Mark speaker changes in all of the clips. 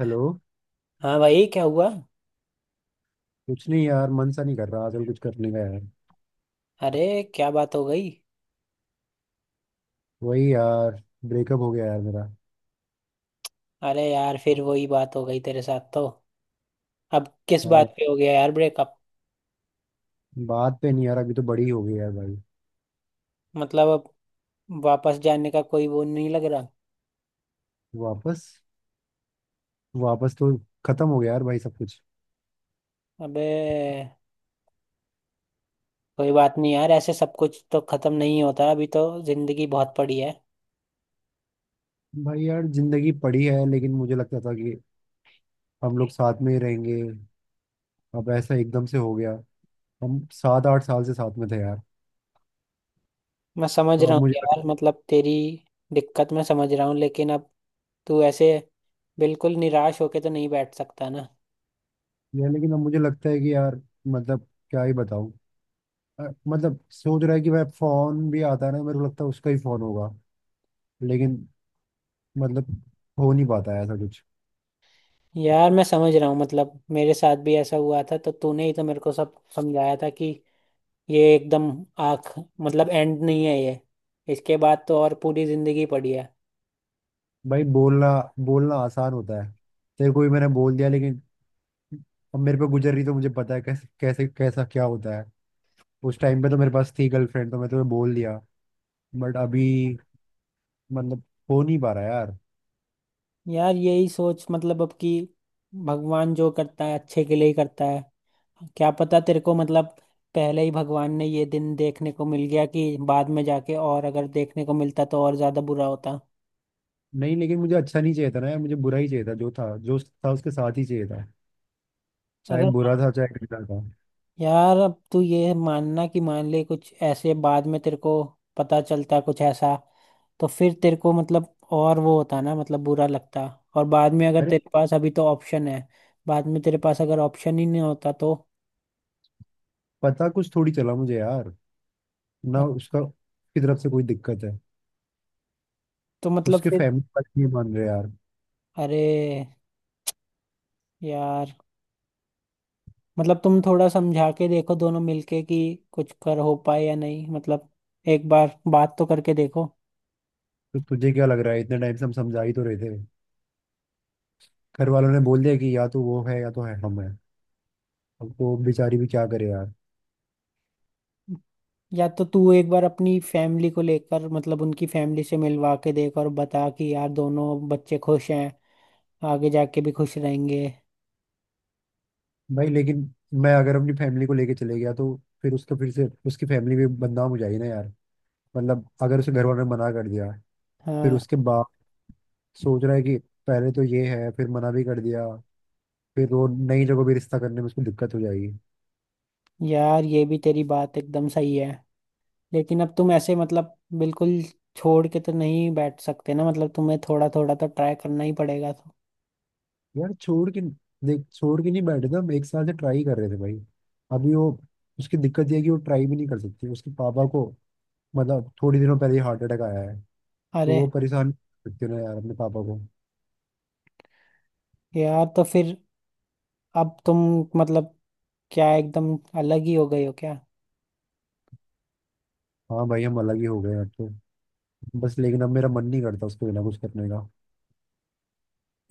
Speaker 1: Hello.
Speaker 2: हाँ भाई, क्या हुआ?
Speaker 1: कुछ नहीं यार, मन सा नहीं कर रहा आजकल कुछ करने का यार।
Speaker 2: अरे, क्या बात हो गई?
Speaker 1: वही यार, ब्रेकअप हो गया यार मेरा।
Speaker 2: अरे यार, फिर वही बात हो गई तेरे साथ तो। अब किस बात
Speaker 1: यार
Speaker 2: पे हो गया यार ब्रेकअप?
Speaker 1: बात पे नहीं यार, अभी तो बड़ी हो गई यार भाई।
Speaker 2: मतलब अब वापस जाने का कोई वो नहीं लग रहा।
Speaker 1: वापस वापस तो खत्म हो गया यार भाई, सब कुछ।
Speaker 2: अबे, कोई बात नहीं यार, ऐसे सब कुछ तो खत्म नहीं होता, अभी तो जिंदगी बहुत पड़ी है।
Speaker 1: भाई यार जिंदगी पड़ी है, लेकिन मुझे लगता था कि हम लोग साथ में ही रहेंगे। अब ऐसा एकदम से हो गया। हम 7-8 साल से साथ में थे यार।
Speaker 2: मैं समझ
Speaker 1: तो
Speaker 2: रहा
Speaker 1: अब
Speaker 2: हूँ
Speaker 1: मुझे
Speaker 2: यार,
Speaker 1: लगता
Speaker 2: मतलब तेरी दिक्कत मैं समझ रहा हूँ, लेकिन अब तू ऐसे बिल्कुल निराश होके तो नहीं बैठ सकता ना।
Speaker 1: है, लेकिन अब मुझे लगता है कि यार, मतलब क्या ही बताऊं। मतलब सोच रहा है कि भाई, फोन भी आता है ना, मेरे को लगता है उसका ही फोन होगा। लेकिन मतलब हो नहीं पाता है ऐसा कुछ।
Speaker 2: यार मैं समझ रहा हूँ, मतलब मेरे साथ भी ऐसा हुआ था, तो तूने ही तो मेरे को सब समझाया था कि ये एकदम आख मतलब एंड नहीं है ये, इसके बाद तो और पूरी जिंदगी पड़ी है।
Speaker 1: भाई बोलना बोलना आसान होता है। तेरे को भी मैंने बोल दिया, लेकिन अब मेरे पे गुजर रही तो मुझे पता है कैसे कैसे कैसा क्या होता है। उस टाइम पे तो मेरे पास थी गर्लफ्रेंड तो मैं तुम्हें बोल दिया, बट अभी मतलब हो नहीं पा रहा यार।
Speaker 2: यार यही सोच, मतलब अब कि भगवान जो करता है अच्छे के लिए ही करता है। क्या पता तेरे को, मतलब पहले ही भगवान ने ये दिन देखने को मिल गया, कि बाद में जाके और अगर देखने को मिलता तो और ज्यादा बुरा होता।
Speaker 1: नहीं, लेकिन मुझे अच्छा नहीं चाहिए था ना यार, मुझे बुरा ही चाहिए था, जो था जो था उसके साथ ही चाहिए था। चाहे
Speaker 2: अगर
Speaker 1: बुरा था, चाहे गंदा था।
Speaker 2: यार अब तू ये मानना कि मान ले कुछ ऐसे बाद में तेरे को पता चलता कुछ ऐसा, तो फिर तेरे को मतलब और वो होता ना, मतलब बुरा लगता। और बाद में अगर
Speaker 1: अरे,
Speaker 2: तेरे पास अभी तो ऑप्शन है, बाद में तेरे पास अगर ऑप्शन ही नहीं होता तो।
Speaker 1: पता कुछ थोड़ी चला मुझे यार। ना उसका, उसकी तरफ से कोई दिक्कत है।
Speaker 2: तो मतलब
Speaker 1: उसके
Speaker 2: फिर।
Speaker 1: फैमिली वाले नहीं मान रहे यार।
Speaker 2: अरे यार, मतलब तुम थोड़ा समझा के देखो दोनों मिलके कि कुछ कर हो पाए या नहीं, मतलब एक बार बात तो करके देखो।
Speaker 1: तो तुझे क्या लग रहा है, इतने टाइम से हम समझा ही तो रहे थे। घर वालों ने बोल दिया कि या तो वो है या तो है हम है। अब वो बेचारी भी क्या करे यार।
Speaker 2: या तो तू एक बार अपनी फैमिली को लेकर, मतलब उनकी फैमिली से मिलवा के देख और बता कि यार दोनों बच्चे खुश हैं, आगे जाके भी खुश रहेंगे।
Speaker 1: भाई लेकिन मैं अगर अपनी फैमिली को लेके चले गया, तो फिर उसका, फिर से उसकी फैमिली भी बदनाम हो जाएगी ना यार। मतलब अगर उसे घर वालों ने मना कर दिया, फिर
Speaker 2: हाँ।
Speaker 1: उसके बाद सोच रहा है कि पहले तो ये है, फिर मना भी कर दिया, फिर वो नई जगह भी रिश्ता करने में उसको दिक्कत हो जाएगी।
Speaker 2: यार ये भी तेरी बात एकदम सही है, लेकिन अब तुम ऐसे मतलब बिल्कुल छोड़ के तो नहीं बैठ सकते ना, मतलब तुम्हें थोड़ा थोड़ा तो ट्राई करना ही पड़ेगा तो।
Speaker 1: यार छोड़ के, देख, छोड़ के नहीं बैठे थे हम, एक साल से ट्राई कर रहे थे भाई। अभी वो, उसकी दिक्कत ये है कि वो ट्राई भी नहीं कर सकती उसके पापा को। मतलब थोड़ी दिनों पहले ही हार्ट अटैक आया है। तो
Speaker 2: अरे।
Speaker 1: वो परेशान कर सकते ना यार अपने पापा को।
Speaker 2: यार तो फिर अब तुम, मतलब, क्या एकदम अलग ही हो गई हो क्या?
Speaker 1: हाँ भाई, हम अलग ही हो गए अब तो। बस लेकिन अब मेरा मन नहीं करता उसको बिना कुछ करने का।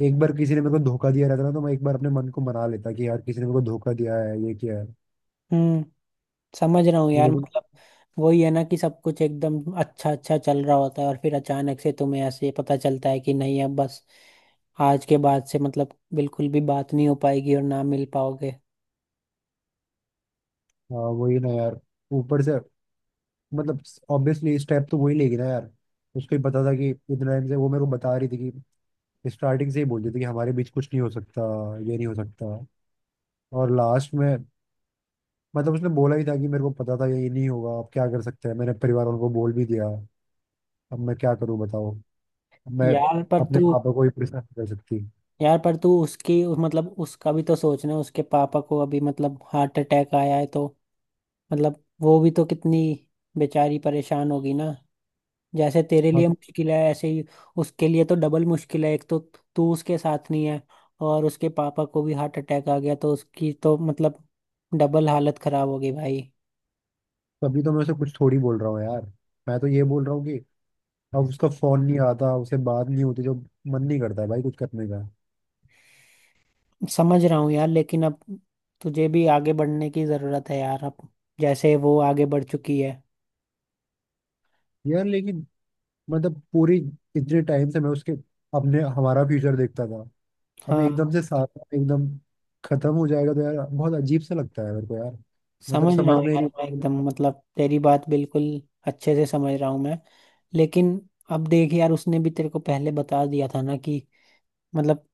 Speaker 1: एक बार किसी ने मेरे को धोखा दिया रहता ना, तो मैं एक बार अपने मन को मना लेता कि यार किसी ने मेरे को धोखा दिया है, ये किया है।
Speaker 2: हम्म समझ रहा हूँ यार,
Speaker 1: लेकिन
Speaker 2: मतलब वही है ना कि सब कुछ एकदम अच्छा अच्छा चल रहा होता है और फिर अचानक से तुम्हें ऐसे पता चलता है कि नहीं अब बस, आज के बाद से मतलब बिल्कुल भी बात नहीं हो पाएगी और ना मिल पाओगे।
Speaker 1: हाँ वही ना यार। ऊपर से मतलब ऑब्वियसली स्टेप तो वही लेगी ना यार। उसको ही पता था, कि इतना टाइम से वो मेरे को बता रही थी कि स्टार्टिंग से ही बोलती थी कि हमारे बीच कुछ नहीं हो सकता, ये नहीं हो सकता। और लास्ट में मतलब उसने बोला ही था कि मेरे को पता था ये नहीं होगा, आप क्या कर सकते हैं, मैंने परिवार वालों को बोल भी दिया। अब मैं क्या करूं बताओ। अब मैं
Speaker 2: यार पर
Speaker 1: अपने
Speaker 2: तू
Speaker 1: पापा को ही परेशान नहीं कर सकती।
Speaker 2: यार पर तू मतलब उसका भी तो सोचना, उसके पापा को अभी मतलब हार्ट अटैक आया है तो, मतलब वो भी तो कितनी बेचारी परेशान होगी ना। जैसे तेरे
Speaker 1: हाँ
Speaker 2: लिए
Speaker 1: तो
Speaker 2: मुश्किल है ऐसे ही उसके लिए तो डबल मुश्किल है, एक तो तू उसके साथ नहीं है और उसके पापा को भी हार्ट अटैक आ गया, तो उसकी तो मतलब डबल हालत खराब होगी भाई।
Speaker 1: तभी तो मैं उसे कुछ थोड़ी बोल रहा हूँ यार। मैं तो ये बोल रहा हूँ कि अब
Speaker 2: हम्म।
Speaker 1: उसका फोन नहीं आता, उससे बात नहीं होती, जो मन नहीं करता है भाई कुछ करने का।
Speaker 2: समझ रहा हूँ यार, लेकिन अब तुझे भी आगे बढ़ने की ज़रूरत है यार, अब जैसे वो आगे बढ़ चुकी है।
Speaker 1: यार लेकिन मतलब पूरी, इतने टाइम से मैं उसके, अपने, हमारा फ्यूचर देखता था। अब
Speaker 2: हाँ।
Speaker 1: एकदम से सारा एकदम खत्म हो जाएगा तो यार बहुत अजीब सा लगता है मेरे को यार। मतलब
Speaker 2: समझ रहा
Speaker 1: समझ
Speaker 2: हूँ
Speaker 1: में ही
Speaker 2: यार
Speaker 1: नहीं।
Speaker 2: मैं, एकदम मतलब तेरी बात बिल्कुल अच्छे से समझ रहा हूँ मैं, लेकिन अब देख यार, उसने भी तेरे को पहले बता दिया था ना कि, मतलब,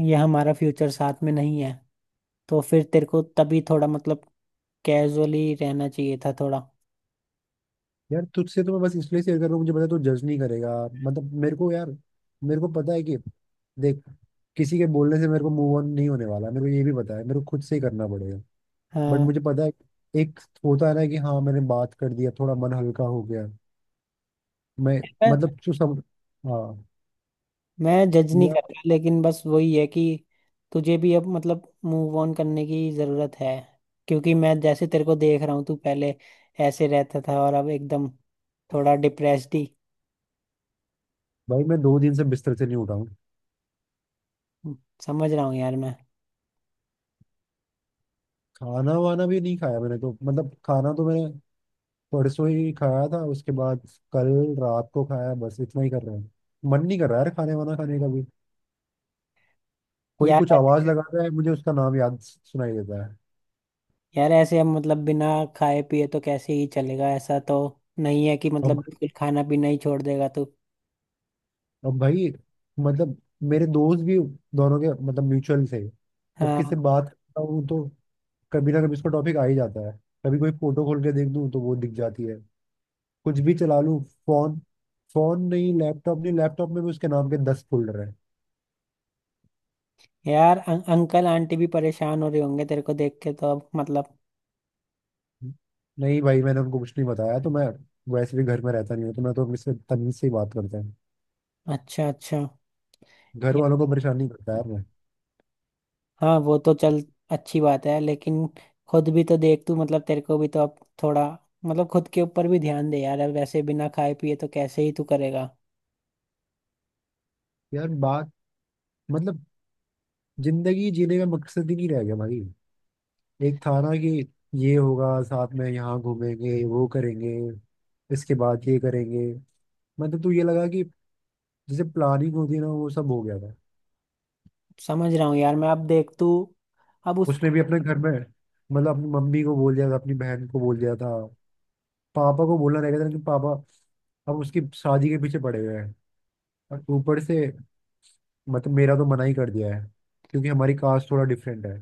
Speaker 2: यह हमारा फ्यूचर साथ में नहीं है, तो फिर तेरे को तभी थोड़ा मतलब कैजुअली रहना चाहिए था थोड़ा।
Speaker 1: यार तुझसे तो मैं बस इसलिए शेयर कर रहा हूँ, मुझे पता है तू जज नहीं करेगा मतलब मेरे को यार। मेरे को पता है कि, देख, किसी के बोलने से मेरे को मूव ऑन नहीं होने वाला, मेरे को ये भी पता है, मेरे को खुद से ही करना पड़ेगा। बट
Speaker 2: हाँ।
Speaker 1: मुझे पता है एक होता है ना कि हाँ, मैंने बात कर दिया, थोड़ा मन हल्का हो गया। मैं
Speaker 2: मैं
Speaker 1: मतलब जो सब, हाँ।
Speaker 2: मैं जज नहीं कर
Speaker 1: यार
Speaker 2: रहा, लेकिन बस वही है कि तुझे भी अब मतलब मूव ऑन करने की ज़रूरत है, क्योंकि मैं जैसे तेरे को देख रहा हूँ तू पहले ऐसे रहता था और अब एकदम थोड़ा डिप्रेस्ड ही।
Speaker 1: भाई, मैं 2 दिन से बिस्तर से नहीं उठा हूँ।
Speaker 2: समझ रहा हूँ यार मैं।
Speaker 1: खाना वाना भी नहीं खाया मैंने तो, मतलब खाना तो मैंने परसों ही खाया था, उसके बाद कल रात को खाया, बस इतना ही कर रहा हूँ। मन नहीं कर रहा यार खाने वाना खाने का। कोई
Speaker 2: यार
Speaker 1: कुछ आवाज लगाता है, मुझे उसका नाम याद सुनाई देता है।
Speaker 2: यार ऐसे हम मतलब बिना खाए पिए तो कैसे ही चलेगा, ऐसा तो नहीं है कि मतलब
Speaker 1: अब
Speaker 2: बिल्कुल खाना पीना ही छोड़ देगा तू।
Speaker 1: अब भाई मतलब मेरे दोस्त भी दोनों के मतलब म्यूचुअल थे। तो किसी
Speaker 2: हाँ।
Speaker 1: से बात करता हूँ तो कभी ना कभी उसका टॉपिक आ ही जाता है। कभी कोई फोटो खोल के देख दूँ तो वो दिख जाती है। कुछ भी चला लूँ, फोन, फोन नहीं लैपटॉप, नहीं लैपटॉप में भी उसके नाम के 10 फोल्डर हैं।
Speaker 2: यार अंकल आंटी भी परेशान हो रहे होंगे तेरे को देख के तो अब मतलब।
Speaker 1: नहीं भाई, मैंने उनको कुछ नहीं बताया, तो मैं वैसे भी घर में रहता नहीं हूँ, तो मैं तो मुझसे तमीज से ही बात करता हूँ।
Speaker 2: अच्छा, अच्छा।
Speaker 1: घर
Speaker 2: ये-
Speaker 1: वालों को परेशान नहीं करता यार मैं।
Speaker 2: हाँ, वो तो चल, अच्छी बात है, लेकिन खुद भी तो देख तू, मतलब तेरे को भी तो अब थोड़ा, मतलब खुद के ऊपर भी ध्यान दे यार, अब ऐसे बिना खाए पिए तो कैसे ही तू करेगा?
Speaker 1: यार बात मतलब जिंदगी जीने का मकसद ही नहीं रह गया भाई। एक था ना कि ये होगा, साथ में यहाँ घूमेंगे, वो करेंगे, इसके बाद ये करेंगे, मतलब तो ये लगा कि जैसे प्लानिंग होती है ना, वो सब हो गया था।
Speaker 2: समझ रहा हूँ यार मैं, अब देख तू, अब
Speaker 1: उसने
Speaker 2: उसको।
Speaker 1: भी अपने घर में मतलब अपनी मम्मी को बोल दिया था, अपनी बहन को बोल दिया था, पापा को बोलना रह गया था। लेकिन पापा अब उसकी शादी के पीछे पड़े हुए हैं। और ऊपर से मतलब मेरा तो मना ही कर दिया है, क्योंकि हमारी कास्ट थोड़ा डिफरेंट है।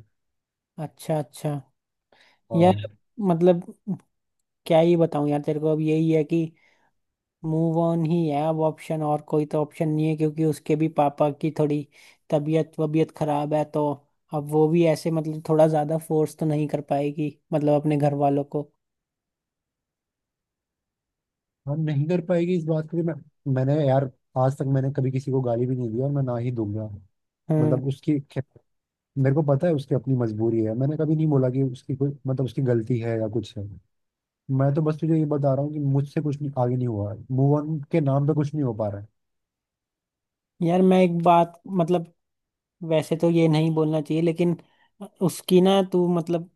Speaker 2: अच्छा, अच्छा। यार
Speaker 1: हाँ।
Speaker 2: मतलब क्या ही बताऊं यार तेरे को, अब यही है कि मूव ऑन ही है अब ऑप्शन, और कोई तो ऑप्शन नहीं है, क्योंकि उसके भी पापा की थोड़ी तबीयत वबीयत खराब है तो, अब वो भी ऐसे मतलब थोड़ा ज्यादा फोर्स तो नहीं कर पाएगी मतलब अपने घर वालों को।
Speaker 1: हम नहीं कर पाएगी इस बात के लिए। मैंने यार, आज तक मैंने कभी किसी को गाली भी नहीं दी और मैं ना ही दूंगा।
Speaker 2: हम्म
Speaker 1: मतलब मेरे को पता है उसकी अपनी मजबूरी है, मैंने कभी नहीं बोला कि उसकी कोई मतलब उसकी गलती है या कुछ है। मैं तो बस तुझे ये बता रहा हूँ कि मुझसे कुछ नहीं, आगे नहीं हुआ, मूव ऑन के नाम पे कुछ नहीं हो पा रहा है।
Speaker 2: यार मैं एक बात, मतलब वैसे तो ये नहीं बोलना चाहिए लेकिन, उसकी ना तू मतलब,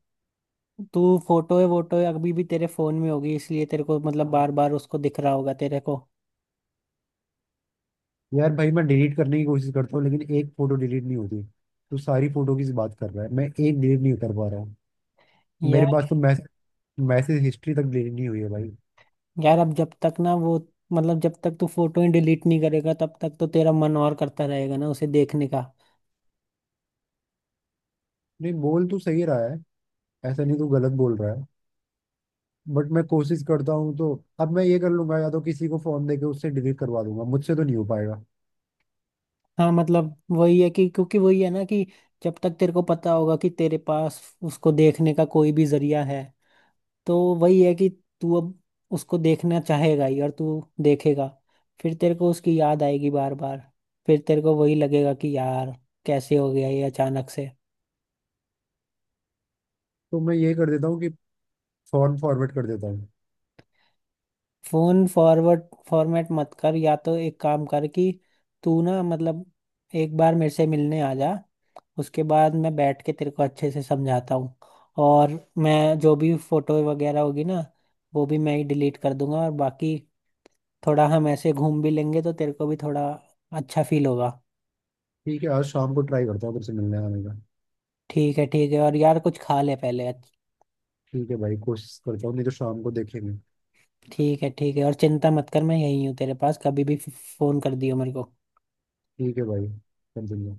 Speaker 2: तू फोटो है वोटो है अभी भी तेरे फोन में होगी, इसलिए तेरे को मतलब बार बार उसको दिख रहा होगा तेरे को।
Speaker 1: यार भाई, मैं डिलीट करने की कोशिश करता हूँ लेकिन एक फोटो डिलीट नहीं होती। तू सारी फोटो की बात कर रहा है, मैं एक डिलीट नहीं कर पा रहा हूँ। मेरे पास तो मैसेज मैसेज हिस्ट्री तक डिलीट नहीं हुई है भाई।
Speaker 2: यार अब जब तक ना वो, मतलब जब तक तू फोटो ही डिलीट नहीं करेगा तब तक तो तेरा मन और करता रहेगा ना उसे देखने का।
Speaker 1: नहीं, बोल तू सही रहा है। ऐसा नहीं, तू गलत बोल रहा है। बट मैं कोशिश करता हूँ, तो अब मैं ये कर लूंगा, या तो किसी को फोन देके उससे डिलीट करवा दूंगा, मुझसे तो नहीं हो पाएगा।
Speaker 2: हाँ, मतलब वही है कि, क्योंकि वही है ना कि जब तक तेरे को पता होगा कि तेरे पास उसको देखने का कोई भी जरिया है, तो वही है कि तू अब उसको देखना चाहेगा ही और तू देखेगा, फिर तेरे को उसकी याद आएगी बार बार, फिर तेरे को वही लगेगा कि यार कैसे हो गया ये अचानक से।
Speaker 1: तो मैं ये कर देता हूँ कि फॉर्म फॉरवर्ड कर देता हूँ।
Speaker 2: फोन फॉरवर्ड फॉर्मेट मत कर, या तो एक काम कर कि तू ना मतलब एक बार मेरे से मिलने आ जा, उसके बाद मैं बैठ के तेरे को अच्छे से समझाता हूँ, और मैं जो भी फोटो वगैरह होगी ना वो भी मैं ही डिलीट कर दूंगा, और बाकी थोड़ा हम ऐसे घूम भी लेंगे तो तेरे को भी थोड़ा अच्छा फील होगा।
Speaker 1: ठीक है, आज शाम को ट्राई करता हूँ तुमसे मिलने आने का।
Speaker 2: ठीक है, ठीक है, और यार कुछ खा ले पहले
Speaker 1: ठीक है भाई, कोशिश करता हूँ, नहीं तो शाम को देखेंगे।
Speaker 2: ठीक है, ठीक है, और चिंता मत कर, मैं यहीं हूँ तेरे पास, कभी भी फ़ोन कर दियो मेरे को।
Speaker 1: ठीक है भाई। कंटिन्यू।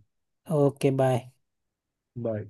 Speaker 2: Okay, bye.
Speaker 1: बाय।